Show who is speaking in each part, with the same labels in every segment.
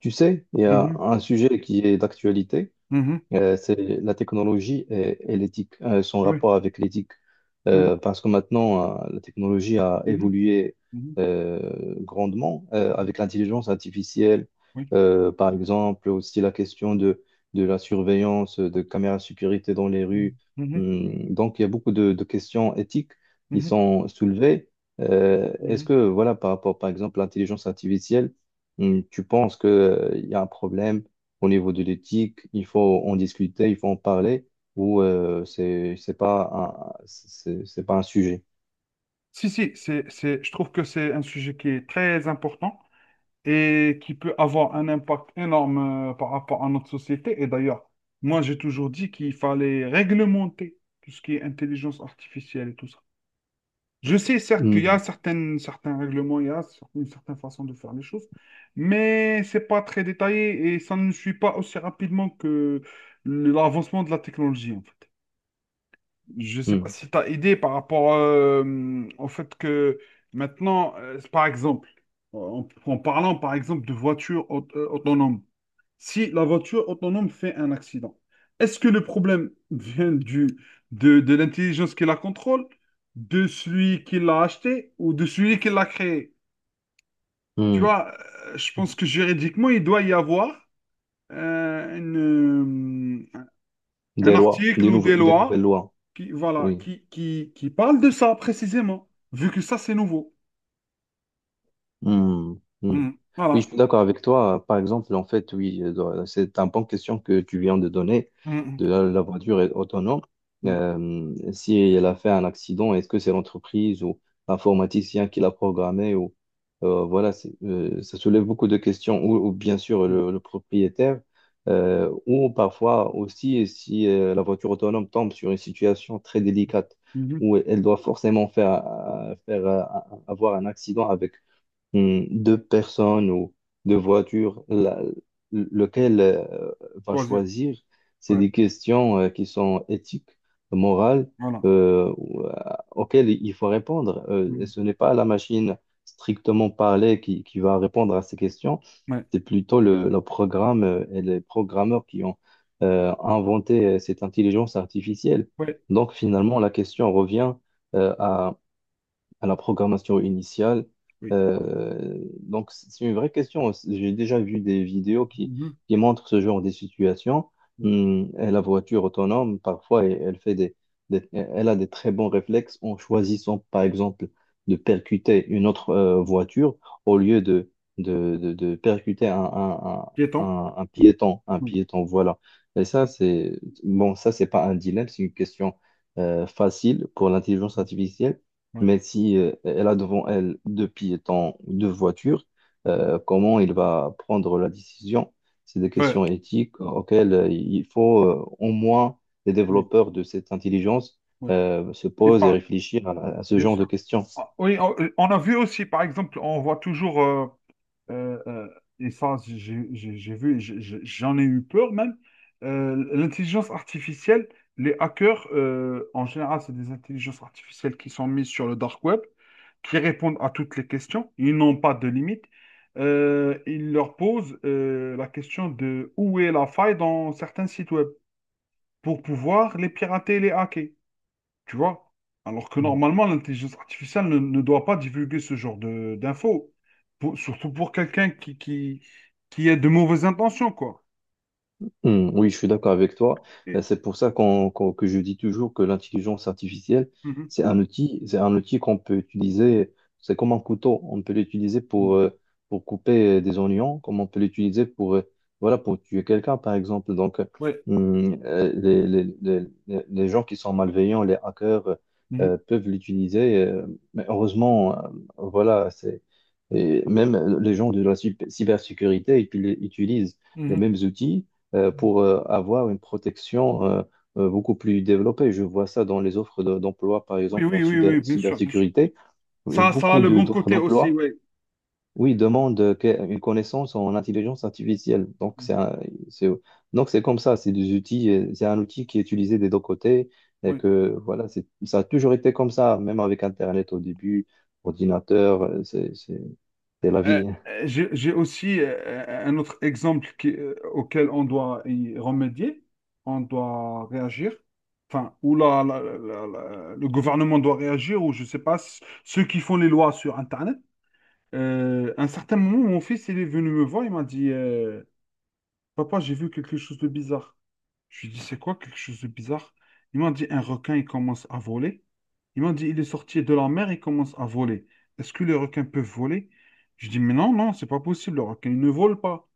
Speaker 1: Tu sais, il y a
Speaker 2: Mhm,
Speaker 1: un sujet qui est d'actualité.
Speaker 2: mhm,
Speaker 1: C'est la technologie et l'éthique, son
Speaker 2: ah oui,
Speaker 1: rapport avec l'éthique.
Speaker 2: mhm,
Speaker 1: Parce que maintenant, la technologie a
Speaker 2: mhm,
Speaker 1: évolué
Speaker 2: mhm,
Speaker 1: grandement
Speaker 2: mhm,
Speaker 1: avec l'intelligence artificielle.
Speaker 2: oui,
Speaker 1: Par exemple, aussi la question de la surveillance, de caméras de sécurité dans les rues.
Speaker 2: mhm,
Speaker 1: Donc, il y a beaucoup de questions éthiques
Speaker 2: mhm,
Speaker 1: qui
Speaker 2: mhm,
Speaker 1: sont soulevées. Est-ce
Speaker 2: mhm.
Speaker 1: que, voilà, par rapport, par exemple, à l'intelligence artificielle, tu penses qu'il y a un problème au niveau de l'éthique? Il faut en discuter, il faut en parler, ou c'est pas un, c'est pas un sujet.
Speaker 2: Si, si, c'est, je trouve que c'est un sujet qui est très important et qui peut avoir un impact énorme par rapport à notre société. Et d'ailleurs, moi, j'ai toujours dit qu'il fallait réglementer tout ce qui est intelligence artificielle et tout ça. Je sais certes qu'il y a
Speaker 1: Mm,
Speaker 2: certains règlements, il y a une certaine façon de faire les choses, mais c'est pas très détaillé et ça ne suit pas aussi rapidement que l'avancement de la technologie, en fait. Je sais pas
Speaker 1: mm,
Speaker 2: si tu as idée par rapport au fait que maintenant, par exemple, en parlant par exemple de voitures autonomes, si la voiture autonome fait un accident. Est-ce que le problème vient de l'intelligence qui la contrôle, de celui qui l'a acheté ou de celui qui l'a créé? Tu
Speaker 1: mm.
Speaker 2: vois, je pense que juridiquement, il doit y avoir euh, une, euh, un
Speaker 1: Des lois,
Speaker 2: article ou des
Speaker 1: des nouvelles
Speaker 2: lois
Speaker 1: lois,
Speaker 2: qui, voilà,
Speaker 1: oui.
Speaker 2: qui parlent de ça précisément, vu que ça, c'est nouveau.
Speaker 1: Hmm, hmm.
Speaker 2: Mm.
Speaker 1: Oui,
Speaker 2: Voilà.
Speaker 1: je suis d'accord avec toi. Par exemple, en fait, oui, c'est un bon question que tu viens de donner
Speaker 2: Mm,
Speaker 1: de la voiture est autonome.
Speaker 2: mm,
Speaker 1: Si elle a fait un accident, est-ce que c'est l'entreprise ou l'informaticien qui l'a programmé ou voilà, ça soulève beaucoup de questions, ou bien sûr
Speaker 2: mm,
Speaker 1: le propriétaire, ou parfois aussi si la voiture autonome tombe sur une situation très délicate
Speaker 2: mm, mm.
Speaker 1: où elle doit forcément faire, faire avoir un accident avec de personnes ou de voitures. Lequel va
Speaker 2: Choisir.
Speaker 1: choisir? C'est
Speaker 2: Ouais.
Speaker 1: des questions qui sont éthiques, morales,
Speaker 2: Voilà.
Speaker 1: euh, ou, euh, auxquelles il faut répondre. Et
Speaker 2: Mm.
Speaker 1: ce n'est pas la machine strictement parlée qui va répondre à ces questions,
Speaker 2: Ouais.
Speaker 1: c'est plutôt le programme et les programmeurs qui ont inventé cette intelligence artificielle.
Speaker 2: Ouais.
Speaker 1: Donc finalement, la question revient euh, à la programmation initiale.
Speaker 2: Oui.
Speaker 1: Donc, c'est une vraie question. J'ai déjà vu des vidéos
Speaker 2: Mhm.
Speaker 1: qui montrent ce genre de situation. Et la voiture autonome, parfois, elle, elle fait elle a des très bons réflexes en choisissant, par exemple, de percuter une autre voiture au lieu de percuter
Speaker 2: Piéton?
Speaker 1: un piéton. Un
Speaker 2: Oui,
Speaker 1: piéton, voilà. Et ça, c'est bon, ça, c'est pas un dilemme, c'est une question facile pour l'intelligence artificielle,
Speaker 2: oui,
Speaker 1: mais si elle a devant elle deux piétons, deux voitures, comment il va prendre la décision? C'est des
Speaker 2: ouais,
Speaker 1: questions éthiques auxquelles il faut au moins les
Speaker 2: oui,
Speaker 1: développeurs de cette intelligence
Speaker 2: oui.
Speaker 1: se
Speaker 2: Qui
Speaker 1: posent et
Speaker 2: parle,
Speaker 1: réfléchir à ce
Speaker 2: bien
Speaker 1: genre de
Speaker 2: sûr.
Speaker 1: questions.
Speaker 2: Ah, oui, on a vu aussi, par exemple, on voit toujours, euh, euh, et ça, j'ai vu, et j'en ai eu peur même, l'intelligence artificielle, les hackers, en général, c'est des intelligences artificielles qui sont mises sur le dark web, qui répondent à toutes les questions, ils n'ont pas de limite. Ils leur posent la question de où est la faille dans certains sites web, pour pouvoir les pirater et les hacker, tu vois? Alors que normalement, l'intelligence artificielle ne doit pas divulguer ce genre de d'infos, surtout pour quelqu'un qui a de mauvaises intentions, quoi.
Speaker 1: Hmm, oui, je suis d'accord avec toi. Euh,
Speaker 2: Et-
Speaker 1: C'est pour ça que je dis toujours que l'intelligence artificielle,
Speaker 2: Mhm.
Speaker 1: c'est un outil qu'on peut utiliser, c'est comme un couteau, on peut l'utiliser
Speaker 2: Mhm.
Speaker 1: pour couper des oignons, comme on peut l'utiliser pour, voilà, pour tuer quelqu'un, par exemple. Donc,
Speaker 2: Ouais.
Speaker 1: hmm, euh, les, les, les, les gens qui sont malveillants, les hackers,
Speaker 2: Mhm.
Speaker 1: peuvent l'utiliser, mais heureusement, voilà, c'est, et même les gens de la cybersécurité ils utilisent les
Speaker 2: Mhm.
Speaker 1: mêmes outils pour avoir une protection beaucoup plus développée. Je vois ça dans les offres d'emploi, par
Speaker 2: Oui,
Speaker 1: exemple en
Speaker 2: oui, oui, oui, bien sûr, bien sûr.
Speaker 1: cybersécurité. Et
Speaker 2: Ça a
Speaker 1: beaucoup
Speaker 2: le bon
Speaker 1: d'offres
Speaker 2: côté aussi,
Speaker 1: d'emploi,
Speaker 2: ouais.
Speaker 1: oui, demandent une connaissance en intelligence artificielle. C'est, donc c'est comme ça, c'est des outils, c'est un outil qui est utilisé des deux côtés. Et
Speaker 2: Oui.
Speaker 1: que voilà, c'est, ça a toujours été comme ça, même avec Internet au début, ordinateur, c'est la
Speaker 2: Euh,
Speaker 1: vie.
Speaker 2: j'ai aussi un autre exemple auquel on doit y remédier, on doit réagir, enfin, ou le gouvernement doit réagir, ou je ne sais pas, ceux qui font les lois sur Internet. À un certain moment, mon fils, il est venu me voir, il m'a dit, Papa, j'ai vu quelque chose de bizarre. Je lui ai dit, c'est quoi quelque chose de bizarre? Ils m'ont dit, un requin, il commence à voler. Ils m'ont dit, il est sorti de la mer, il commence à voler. Est-ce que les requins peuvent voler? Je dis, mais non, non, c'est pas possible, le requin, il ne vole pas.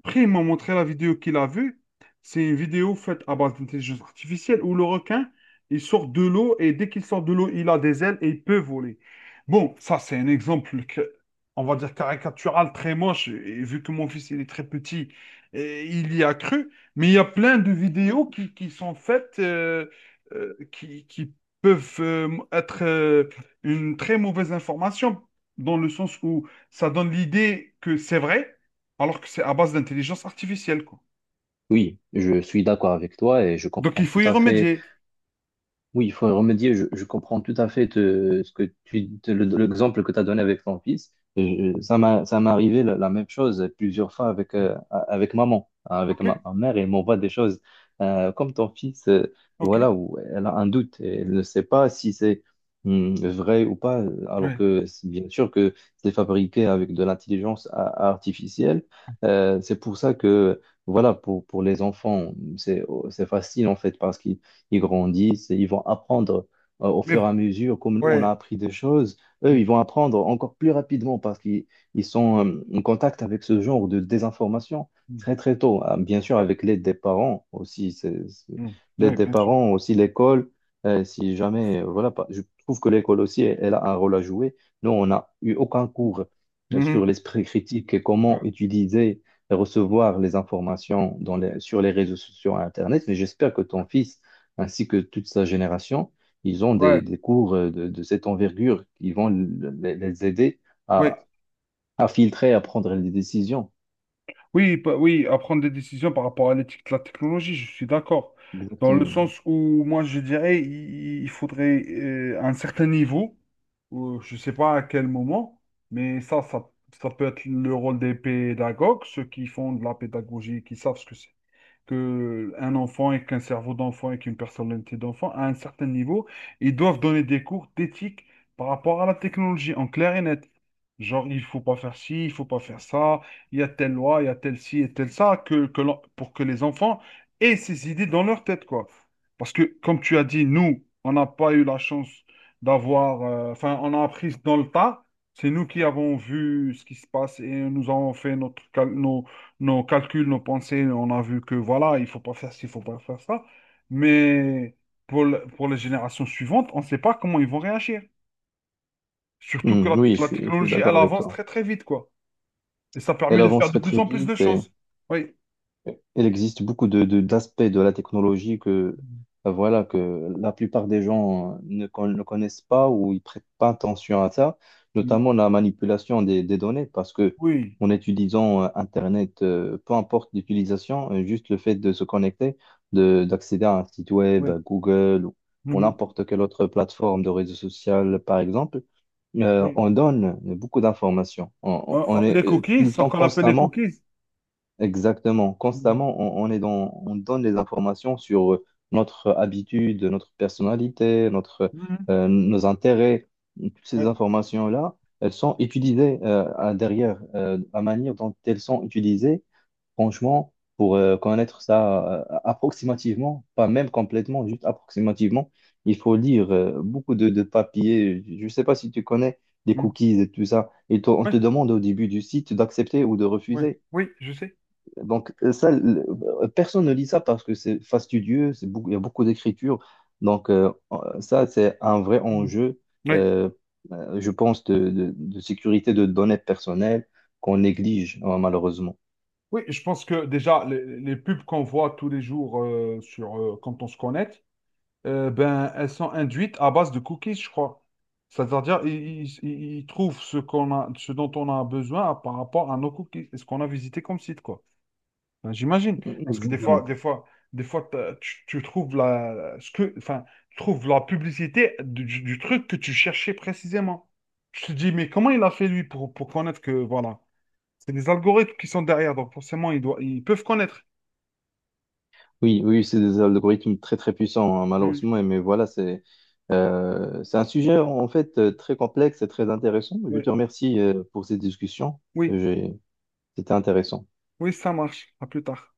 Speaker 2: Après, ils m'ont montré la vidéo qu'il a vue. C'est une vidéo faite à base d'intelligence artificielle où le requin, il sort de l'eau et dès qu'il sort de l'eau, il a des ailes et il peut voler. Bon, ça, c'est un exemple, on va dire caricatural, très moche. Et vu que mon fils, il est très petit, et il y a cru. Mais il y a plein de vidéos qui sont faites, qui peuvent être une très mauvaise information, dans le sens où ça donne l'idée que c'est vrai alors que c'est à base d'intelligence artificielle, quoi.
Speaker 1: Oui, je suis d'accord avec toi et je
Speaker 2: Donc,
Speaker 1: comprends
Speaker 2: il
Speaker 1: tout
Speaker 2: faut y
Speaker 1: à fait.
Speaker 2: remédier.
Speaker 1: Oui, il faut y remédier. Je comprends tout à fait ce que tu l'exemple que tu as donné avec ton fils.
Speaker 2: Mm.
Speaker 1: Ça ça m'est arrivé la même chose plusieurs fois avec, avec maman, hein, avec
Speaker 2: OK,
Speaker 1: ma mère. Elle m'envoie des choses comme ton fils,
Speaker 2: OK,
Speaker 1: voilà, où elle a un doute. Et elle ne sait pas si c'est vrai ou pas, alors
Speaker 2: ouais.
Speaker 1: que c'est bien sûr que c'est fabriqué avec de l'intelligence artificielle. C'est pour ça que, voilà, pour les enfants, c'est facile en fait, parce que ils grandissent, et ils vont apprendre au
Speaker 2: Mais,
Speaker 1: fur et à mesure, comme nous, on a
Speaker 2: ouais.
Speaker 1: appris des choses, eux,
Speaker 2: Mm,
Speaker 1: ils vont apprendre encore plus rapidement parce qu'ils ils sont en contact avec ce genre de désinformation
Speaker 2: mm,
Speaker 1: très, très tôt. Ah, bien sûr,
Speaker 2: ouais,
Speaker 1: avec l'aide des parents aussi,
Speaker 2: mm,
Speaker 1: l'aide
Speaker 2: ouais,
Speaker 1: des
Speaker 2: bien sûr.
Speaker 1: parents, aussi l'école, si jamais, je trouve que l'école aussi, elle, elle a un rôle à jouer. Nous, on n'a eu aucun cours sur
Speaker 2: Mhm.
Speaker 1: l'esprit critique et comment
Speaker 2: Ouais,
Speaker 1: utiliser et recevoir les informations sur les réseaux sociaux et Internet, mais j'espère que ton fils ainsi que toute sa génération, ils ont
Speaker 2: ouais,
Speaker 1: des cours de cette envergure qui vont les aider
Speaker 2: ouais.
Speaker 1: à, à filtrer, à prendre les décisions.
Speaker 2: Oui, oui, à prendre des décisions par rapport à l'éthique de la technologie, je suis d'accord. Dans le
Speaker 1: Exactement.
Speaker 2: sens où, moi, je dirais, il faudrait un certain niveau, ou je ne sais pas à quel moment, mais ça peut être le rôle des pédagogues, ceux qui font de la pédagogie, qui savent ce que c'est que un enfant et qu'un cerveau d'enfant et qu'une personnalité d'enfant, à un certain niveau, ils doivent donner des cours d'éthique par rapport à la technologie, en clair et net. Genre, il faut pas faire ci, il faut pas faire ça, il y a telle loi, il y a telle ci et telle ça, pour que les enfants aient ces idées dans leur tête, quoi. Parce que, comme tu as dit, nous, on n'a pas eu la chance d'avoir, enfin, on a appris dans le tas. C'est nous qui avons vu ce qui se passe et nous avons fait nos calculs, nos pensées, on a vu que voilà, il faut pas faire ci, il faut pas faire ça. Mais pour les générations suivantes, on ne sait pas comment ils vont réagir. Surtout que
Speaker 1: Hmm,
Speaker 2: la,
Speaker 1: oui,
Speaker 2: la
Speaker 1: je suis
Speaker 2: technologie, elle
Speaker 1: d'accord avec
Speaker 2: avance
Speaker 1: toi.
Speaker 2: très très vite, quoi. Et ça
Speaker 1: Elle
Speaker 2: permet de faire de
Speaker 1: avancerait
Speaker 2: plus
Speaker 1: très
Speaker 2: en plus de
Speaker 1: vite et
Speaker 2: choses. Oui.
Speaker 1: il existe beaucoup d'aspects de la technologie que, voilà, que la plupart des gens ne connaissent pas ou ils prêtent pas attention à ça,
Speaker 2: Mm.
Speaker 1: notamment la manipulation des données, parce que
Speaker 2: Oui,
Speaker 1: en utilisant Internet, peu importe l'utilisation, juste le fait de se connecter, d'accéder à un site web,
Speaker 2: oui.
Speaker 1: à Google ou
Speaker 2: Mhm.
Speaker 1: n'importe quelle autre plateforme de réseau social, par exemple,
Speaker 2: Oui.
Speaker 1: on donne beaucoup d'informations.
Speaker 2: Euh, euh,
Speaker 1: On est
Speaker 2: les
Speaker 1: tout
Speaker 2: cookies,
Speaker 1: le
Speaker 2: ce
Speaker 1: temps
Speaker 2: qu'on appelle les
Speaker 1: constamment.
Speaker 2: cookies.
Speaker 1: Exactement.
Speaker 2: Mhm.
Speaker 1: Constamment, on est dans, on donne des informations sur notre habitude, notre personnalité, notre,
Speaker 2: Mhm.
Speaker 1: nos intérêts. Toutes ces
Speaker 2: Oui.
Speaker 1: informations-là, elles sont utilisées derrière. La manière dont elles sont utilisées, franchement, pour connaître ça approximativement, pas même complètement, juste approximativement, il faut lire beaucoup de papiers. Je ne sais pas si tu connais des
Speaker 2: Mhm.
Speaker 1: cookies et tout ça. Et on
Speaker 2: Oui,
Speaker 1: te demande au début du site d'accepter ou de
Speaker 2: oui,
Speaker 1: refuser.
Speaker 2: oui, je sais.
Speaker 1: Donc, euh, ça, le- Personne ne lit ça parce que c'est fastidieux, c'est beaucoup, il y a beaucoup d'écriture. Donc ça, c'est un vrai
Speaker 2: Mhm.
Speaker 1: enjeu,
Speaker 2: Oui.
Speaker 1: euh, je pense, de sécurité de données personnelles qu'on néglige, malheureusement.
Speaker 2: Oui, je pense que déjà, les pubs qu'on voit tous les jours sur, quand on se connecte, ben, elles sont induites à base de cookies, je crois. C'est-à-dire, ils trouvent ce qu'on a, ce dont on a besoin par rapport à nos cookies et ce qu'on a visité comme site, quoi. Ben, j'imagine. Parce que des fois,
Speaker 1: Exactement.
Speaker 2: des fois, des fois, tu trouves ce que, enfin, tu trouves la publicité du truc que tu cherchais précisément. Je te dis, mais comment il a fait lui pour connaître que, voilà. C'est des algorithmes qui sont derrière, donc forcément, ils doivent, ils peuvent connaître.
Speaker 1: Oui, oui, c'est des algorithmes très, très puissants, hein,
Speaker 2: Mm.
Speaker 1: malheureusement. Mais voilà, c'est un sujet, en fait, très complexe et très intéressant. Je
Speaker 2: Oui,
Speaker 1: te remercie, pour cette discussion.
Speaker 2: oui,
Speaker 1: J'ai- C'était intéressant.
Speaker 2: oui, ça marche. À plus tard.